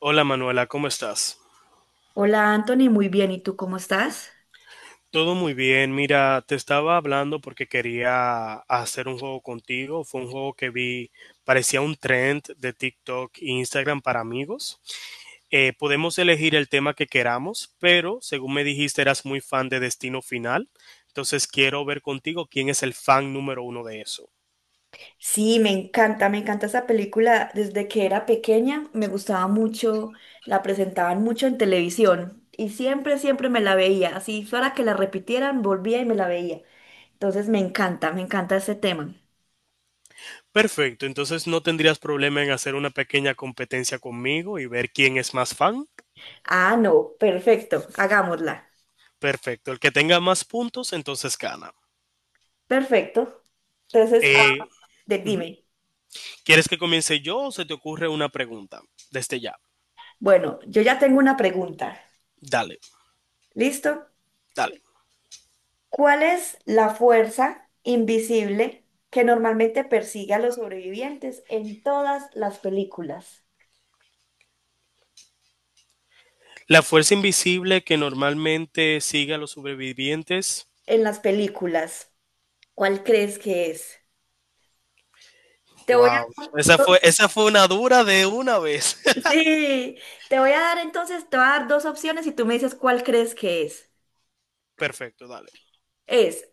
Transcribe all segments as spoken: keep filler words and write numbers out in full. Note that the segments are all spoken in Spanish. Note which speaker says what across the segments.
Speaker 1: Hola Manuela, ¿cómo estás?
Speaker 2: Hola Anthony, muy bien. ¿Y tú cómo estás?
Speaker 1: Todo muy bien. Mira, te estaba hablando porque quería hacer un juego contigo. Fue un juego que vi, parecía un trend de TikTok e Instagram para amigos. Eh, podemos elegir el tema que queramos, pero según me dijiste, eras muy fan de Destino Final. Entonces quiero ver contigo quién es el fan número uno de eso.
Speaker 2: Sí, me encanta, me encanta esa película. Desde que era pequeña me gustaba mucho, la presentaban mucho en televisión y siempre, siempre me la veía. Así fuera que la repitieran, volvía y me la veía. Entonces me encanta, me encanta ese tema.
Speaker 1: Perfecto, entonces no tendrías problema en hacer una pequeña competencia conmigo y ver quién es más fan.
Speaker 2: Ah, no, perfecto, hagámosla.
Speaker 1: Perfecto, el que tenga más puntos, entonces gana.
Speaker 2: Perfecto. Entonces, ah,
Speaker 1: Eh,
Speaker 2: de-
Speaker 1: Ujú.
Speaker 2: dime.
Speaker 1: ¿Quieres que comience yo o se te ocurre una pregunta? Desde ya.
Speaker 2: Bueno, yo ya tengo una pregunta.
Speaker 1: Dale,
Speaker 2: ¿Listo?
Speaker 1: dale.
Speaker 2: ¿Cuál es la fuerza invisible que normalmente persigue a los sobrevivientes en todas las películas?
Speaker 1: La fuerza invisible que normalmente sigue a los sobrevivientes.
Speaker 2: En las películas, ¿cuál crees que es? Te voy
Speaker 1: Wow.
Speaker 2: a...
Speaker 1: Esa fue, esa fue una dura de una vez.
Speaker 2: Sí, te voy a dar entonces, te voy a dar dos opciones y tú me dices cuál crees que es.
Speaker 1: Perfecto, dale.
Speaker 2: ¿Es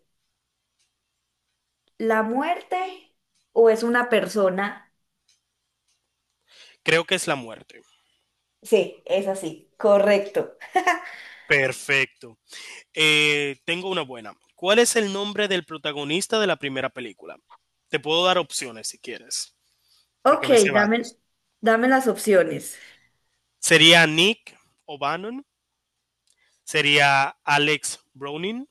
Speaker 2: la muerte o es una persona?
Speaker 1: Creo que es la muerte.
Speaker 2: Sí, es así, correcto.
Speaker 1: Perfecto. Eh, tengo una buena. ¿Cuál es el nombre del protagonista de la primera película? Te puedo dar opciones si quieres, porque
Speaker 2: Ok,
Speaker 1: me sé varios.
Speaker 2: dame, dame las opciones.
Speaker 1: ¿Sería Nick O'Bannon? ¿Sería Alex Browning?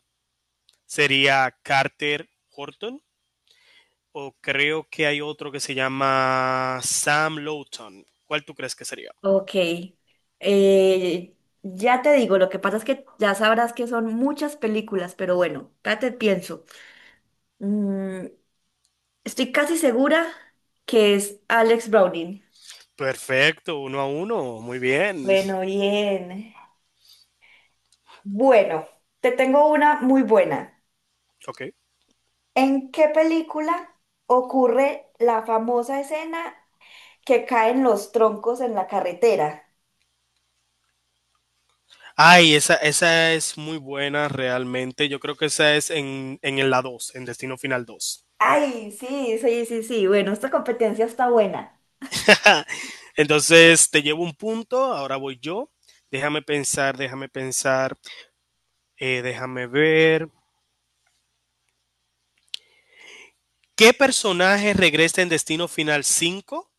Speaker 1: ¿Sería Carter Horton o creo que hay otro que se llama Sam Lowton? ¿Cuál tú crees que sería?
Speaker 2: Ok, eh, ya te digo, lo que pasa es que ya sabrás que son muchas películas, pero bueno, espérate, pienso. Mm, estoy casi segura que es Alex Browning.
Speaker 1: Perfecto, uno a uno, muy bien.
Speaker 2: Bueno, bien. Bueno, te tengo una muy buena.
Speaker 1: Ok.
Speaker 2: ¿En qué película ocurre la famosa escena que caen los troncos en la carretera?
Speaker 1: Ay, esa, esa es muy buena realmente. Yo creo que esa es en, en la dos, en Destino Final dos.
Speaker 2: Ay, sí, sí, sí, sí. Bueno, esta competencia está buena.
Speaker 1: Entonces, te llevo un punto, ahora voy yo. Déjame pensar, déjame pensar, eh, déjame ver. ¿Qué personaje regresa en Destino Final cinco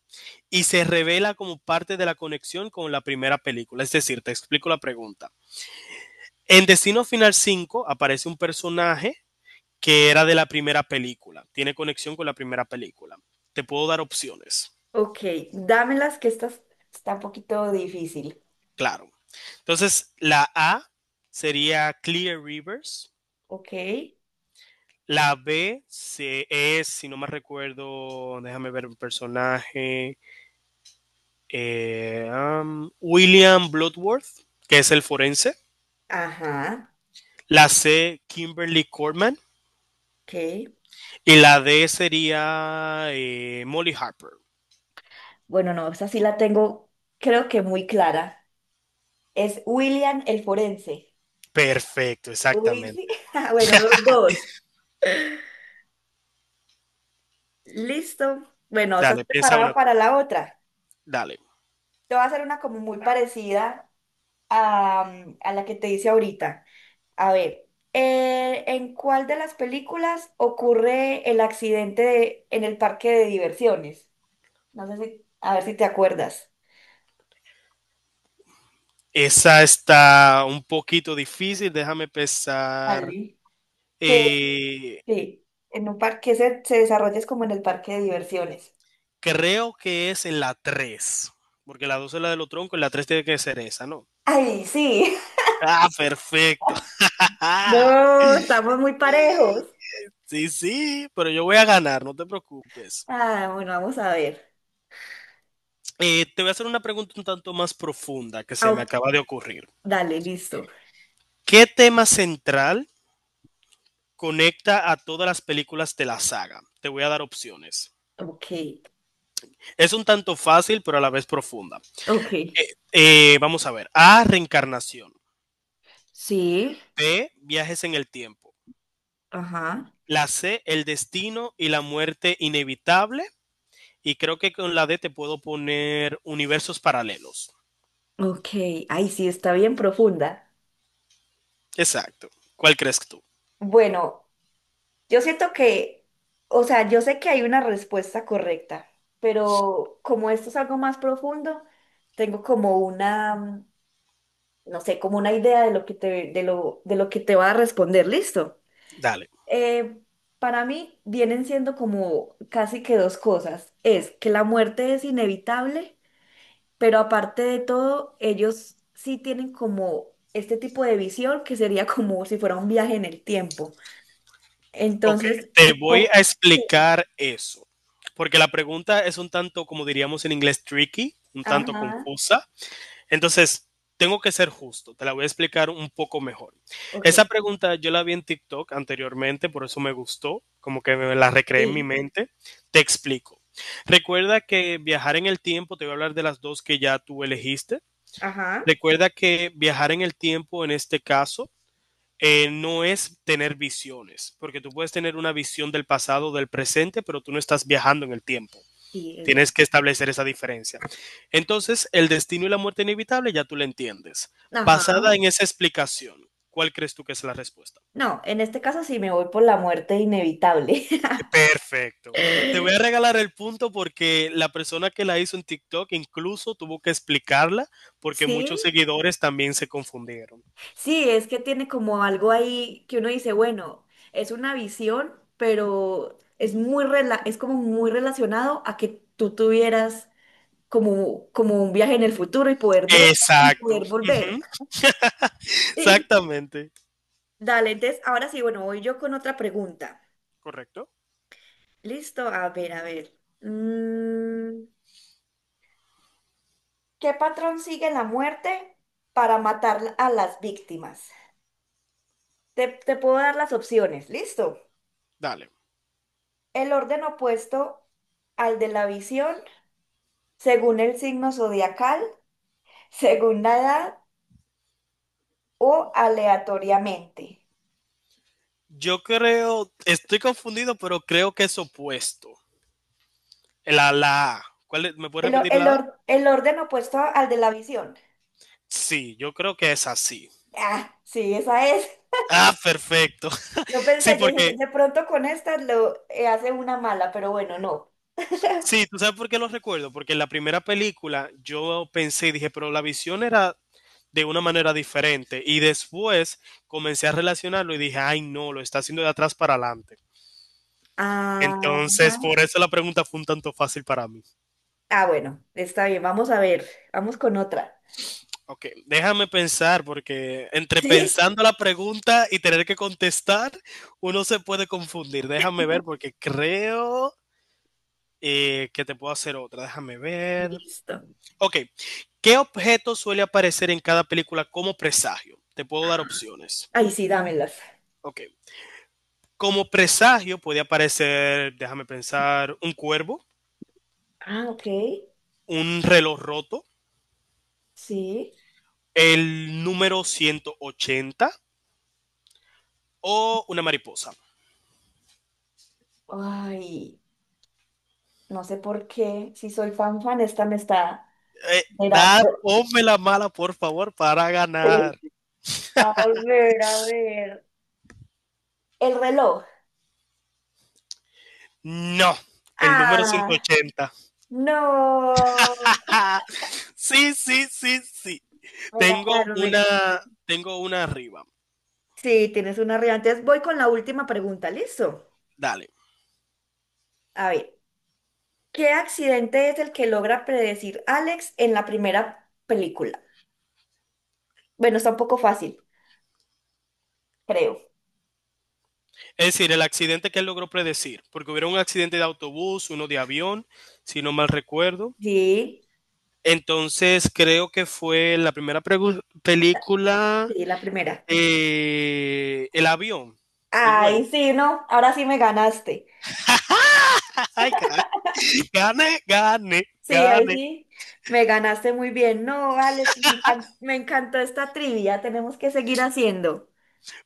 Speaker 1: y se revela como parte de la conexión con la primera película? Es decir, te explico la pregunta. En Destino Final cinco aparece un personaje que era de la primera película, tiene conexión con la primera película. Te puedo dar opciones,
Speaker 2: Ok, dámelas que esta es- está un poquito difícil.
Speaker 1: claro. Entonces, la A sería Clear Rivers,
Speaker 2: Ok.
Speaker 1: la B se, es, si no me recuerdo, déjame ver un personaje, eh, um, William Bloodworth, que es el forense.
Speaker 2: Ajá,
Speaker 1: La C, Kimberly Corman.
Speaker 2: ok.
Speaker 1: Y la D sería eh, Molly Harper.
Speaker 2: Bueno, no, esa sí la tengo, creo que muy clara. Es William el forense.
Speaker 1: Perfecto,
Speaker 2: Uy,
Speaker 1: exactamente.
Speaker 2: sí. Bueno, los dos. Listo. Bueno, estás
Speaker 1: Dale, piensa
Speaker 2: preparado
Speaker 1: una tú.
Speaker 2: para la otra.
Speaker 1: Dale.
Speaker 2: Te voy a hacer una como muy parecida a, mm, a la que te hice ahorita. A ver, eh, ¿en cuál de las películas ocurre el accidente de- en el parque de diversiones? No sé si, a ver si te acuerdas.
Speaker 1: Esa está un poquito difícil, déjame pensar.
Speaker 2: Dale. Que
Speaker 1: Eh,
Speaker 2: sí, en un parque se, se desarrolla es como en el parque de diversiones.
Speaker 1: Creo que es en la tres porque la dos es la de los troncos y la tres tiene que ser esa, ¿no?
Speaker 2: Ay, sí.
Speaker 1: Ah, perfecto.
Speaker 2: No, estamos muy parejos.
Speaker 1: Sí, sí, pero yo voy a ganar, no te preocupes.
Speaker 2: Ah, bueno, vamos a ver.
Speaker 1: Eh, te voy a hacer una pregunta un tanto más profunda que
Speaker 2: Ah,
Speaker 1: se me
Speaker 2: ok,
Speaker 1: acaba de ocurrir.
Speaker 2: dale, listo.
Speaker 1: ¿Qué tema central conecta a todas las películas de la saga? Te voy a dar opciones.
Speaker 2: Ok,
Speaker 1: Es un tanto fácil, pero a la vez profunda.
Speaker 2: ok.
Speaker 1: Eh, eh, vamos a ver. A, reencarnación.
Speaker 2: Sí,
Speaker 1: B, viajes en el tiempo.
Speaker 2: ajá.
Speaker 1: La C, el destino y la muerte inevitable. Y creo que con la D te puedo poner universos paralelos.
Speaker 2: Ok, ay, sí, está bien profunda.
Speaker 1: Exacto. ¿Cuál crees tú?
Speaker 2: Bueno. Yo siento que, o sea, yo sé que hay una respuesta correcta, pero como esto es algo más profundo, tengo como una, mm, no sé, como una idea de lo que te, de lo, de lo que te va a responder. Listo.
Speaker 1: Dale.
Speaker 2: Eh, para mí vienen siendo como casi que dos cosas. Es que la muerte es inevitable, pero aparte de todo, ellos sí tienen como este tipo de visión que sería como si fuera un viaje en el tiempo.
Speaker 1: Ok,
Speaker 2: Entonces,
Speaker 1: te voy
Speaker 2: ujú.
Speaker 1: a explicar eso. Porque la pregunta es un tanto, como diríamos en inglés, tricky, un tanto
Speaker 2: Ajá.
Speaker 1: confusa. Entonces, tengo que ser justo, te la voy a explicar un poco mejor.
Speaker 2: Ok,
Speaker 1: Esa pregunta yo la vi en TikTok anteriormente, por eso me gustó, como que me la recreé en mi
Speaker 2: sí,
Speaker 1: mente. Te explico. Recuerda que viajar en el tiempo, te voy a hablar de las dos que ya tú elegiste.
Speaker 2: ajá,
Speaker 1: Recuerda que viajar en el tiempo en este caso eh, no es tener visiones, porque tú puedes tener una visión del pasado, o del presente, pero tú no estás viajando en el tiempo.
Speaker 2: sí, es verdad.
Speaker 1: Tienes que establecer esa diferencia. Entonces, el destino y la muerte inevitable ya tú lo entiendes. Basada
Speaker 2: Ajá.
Speaker 1: en esa explicación, ¿cuál crees tú que es la respuesta?
Speaker 2: No, en este caso sí me voy por la muerte inevitable.
Speaker 1: Perfecto. Te voy a regalar el punto porque la persona que la hizo en TikTok incluso tuvo que explicarla porque muchos
Speaker 2: Sí,
Speaker 1: seguidores también se confundieron.
Speaker 2: sí, es que tiene como algo ahí que uno dice, bueno, es una visión, pero es muy rela- es como muy relacionado a que tú tuvieras como, como un viaje en el futuro y poder ver y
Speaker 1: Exacto.
Speaker 2: poder
Speaker 1: Ujú.
Speaker 2: volver. Sí.
Speaker 1: Exactamente.
Speaker 2: Dale, entonces ahora sí, bueno, voy yo con otra pregunta.
Speaker 1: Correcto.
Speaker 2: Listo, a ver, a ver. Mm, ¿qué patrón sigue la muerte para matar a las víctimas? Te, te puedo dar las opciones, ¿listo?
Speaker 1: Dale.
Speaker 2: El orden opuesto al de la visión, según el signo zodiacal, según la edad o aleatoriamente.
Speaker 1: Yo creo, estoy confundido, pero creo que es opuesto. La, la A. ¿Cuál es? ¿Me puedes
Speaker 2: El, or-
Speaker 1: repetir
Speaker 2: el
Speaker 1: la A?
Speaker 2: or- el orden opuesto al de la visión.
Speaker 1: Sí, yo creo que es así.
Speaker 2: Ah, sí, esa es.
Speaker 1: Ah, perfecto.
Speaker 2: Yo
Speaker 1: Sí,
Speaker 2: pensé, yo dije que
Speaker 1: porque,
Speaker 2: de pronto con esta lo eh, hace una mala, pero bueno, no.
Speaker 1: sí, ¿tú sabes por qué lo recuerdo? Porque en la primera película yo pensé y dije, pero la visión era de una manera diferente. Y después comencé a relacionarlo y dije, ay, no, lo está haciendo de atrás para adelante.
Speaker 2: Ah, ajá.
Speaker 1: Entonces, por eso la pregunta fue un tanto fácil para mí.
Speaker 2: Ah, bueno, está bien, vamos a ver, vamos con otra.
Speaker 1: Ok, déjame pensar, porque entre
Speaker 2: Sí.
Speaker 1: pensando la pregunta y tener que contestar, uno se puede confundir. Déjame ver, porque creo Eh, ¿qué te puedo hacer otra? Déjame ver.
Speaker 2: Listo.
Speaker 1: Ok. ¿Qué objeto suele aparecer en cada película como presagio? Te puedo dar opciones.
Speaker 2: Ay, sí, dámelas.
Speaker 1: Ok. Como presagio puede aparecer, déjame pensar, un cuervo,
Speaker 2: Ah, ok.
Speaker 1: un reloj roto,
Speaker 2: Sí.
Speaker 1: el número ciento ochenta o una mariposa.
Speaker 2: Ay, no sé por qué. Si soy fan fan, esta me está
Speaker 1: Eh, da,
Speaker 2: mirando.
Speaker 1: ponme la mala, por favor, para ganar.
Speaker 2: A ver, a ver. El reloj.
Speaker 1: No, el número ciento
Speaker 2: Ah,
Speaker 1: ochenta.
Speaker 2: no.
Speaker 1: Ja. Sí, sí, sí, sí.
Speaker 2: Me
Speaker 1: Tengo
Speaker 2: ganaron, me
Speaker 1: una,
Speaker 2: ganaron.
Speaker 1: Tengo una arriba.
Speaker 2: Sí, tienes una realidad. Entonces voy con la última pregunta, ¿listo?
Speaker 1: Dale.
Speaker 2: A ver, ¿qué accidente es el que logra predecir Alex en la primera película? Bueno, está un poco fácil, creo.
Speaker 1: Es decir, el accidente que él logró predecir, porque hubiera un accidente de autobús, uno de avión, si no mal recuerdo.
Speaker 2: Sí,
Speaker 1: Entonces, creo que fue la primera pregu- película,
Speaker 2: sí, la primera.
Speaker 1: eh, el avión, el vuelo.
Speaker 2: Ay, sí, no, ahora sí me ganaste.
Speaker 1: Ay, carajo. Gane, gane,
Speaker 2: Sí, ahí
Speaker 1: gane.
Speaker 2: sí, me ganaste muy bien. No, Alex, me encan- me encantó esta trivia, tenemos que seguir haciendo.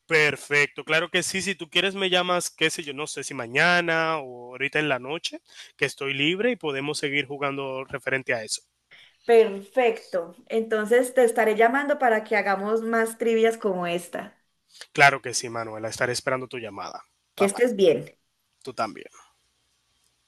Speaker 1: Perfecto, claro que sí. Si tú quieres, me llamas, qué sé yo, no sé si mañana o ahorita en la noche, que estoy libre y podemos seguir jugando referente a eso.
Speaker 2: Perfecto. Entonces te estaré llamando para que hagamos más trivias como esta.
Speaker 1: Claro que sí, Manuela. Estaré esperando tu llamada.
Speaker 2: Que
Speaker 1: Bye bye.
Speaker 2: estés bien.
Speaker 1: Tú también.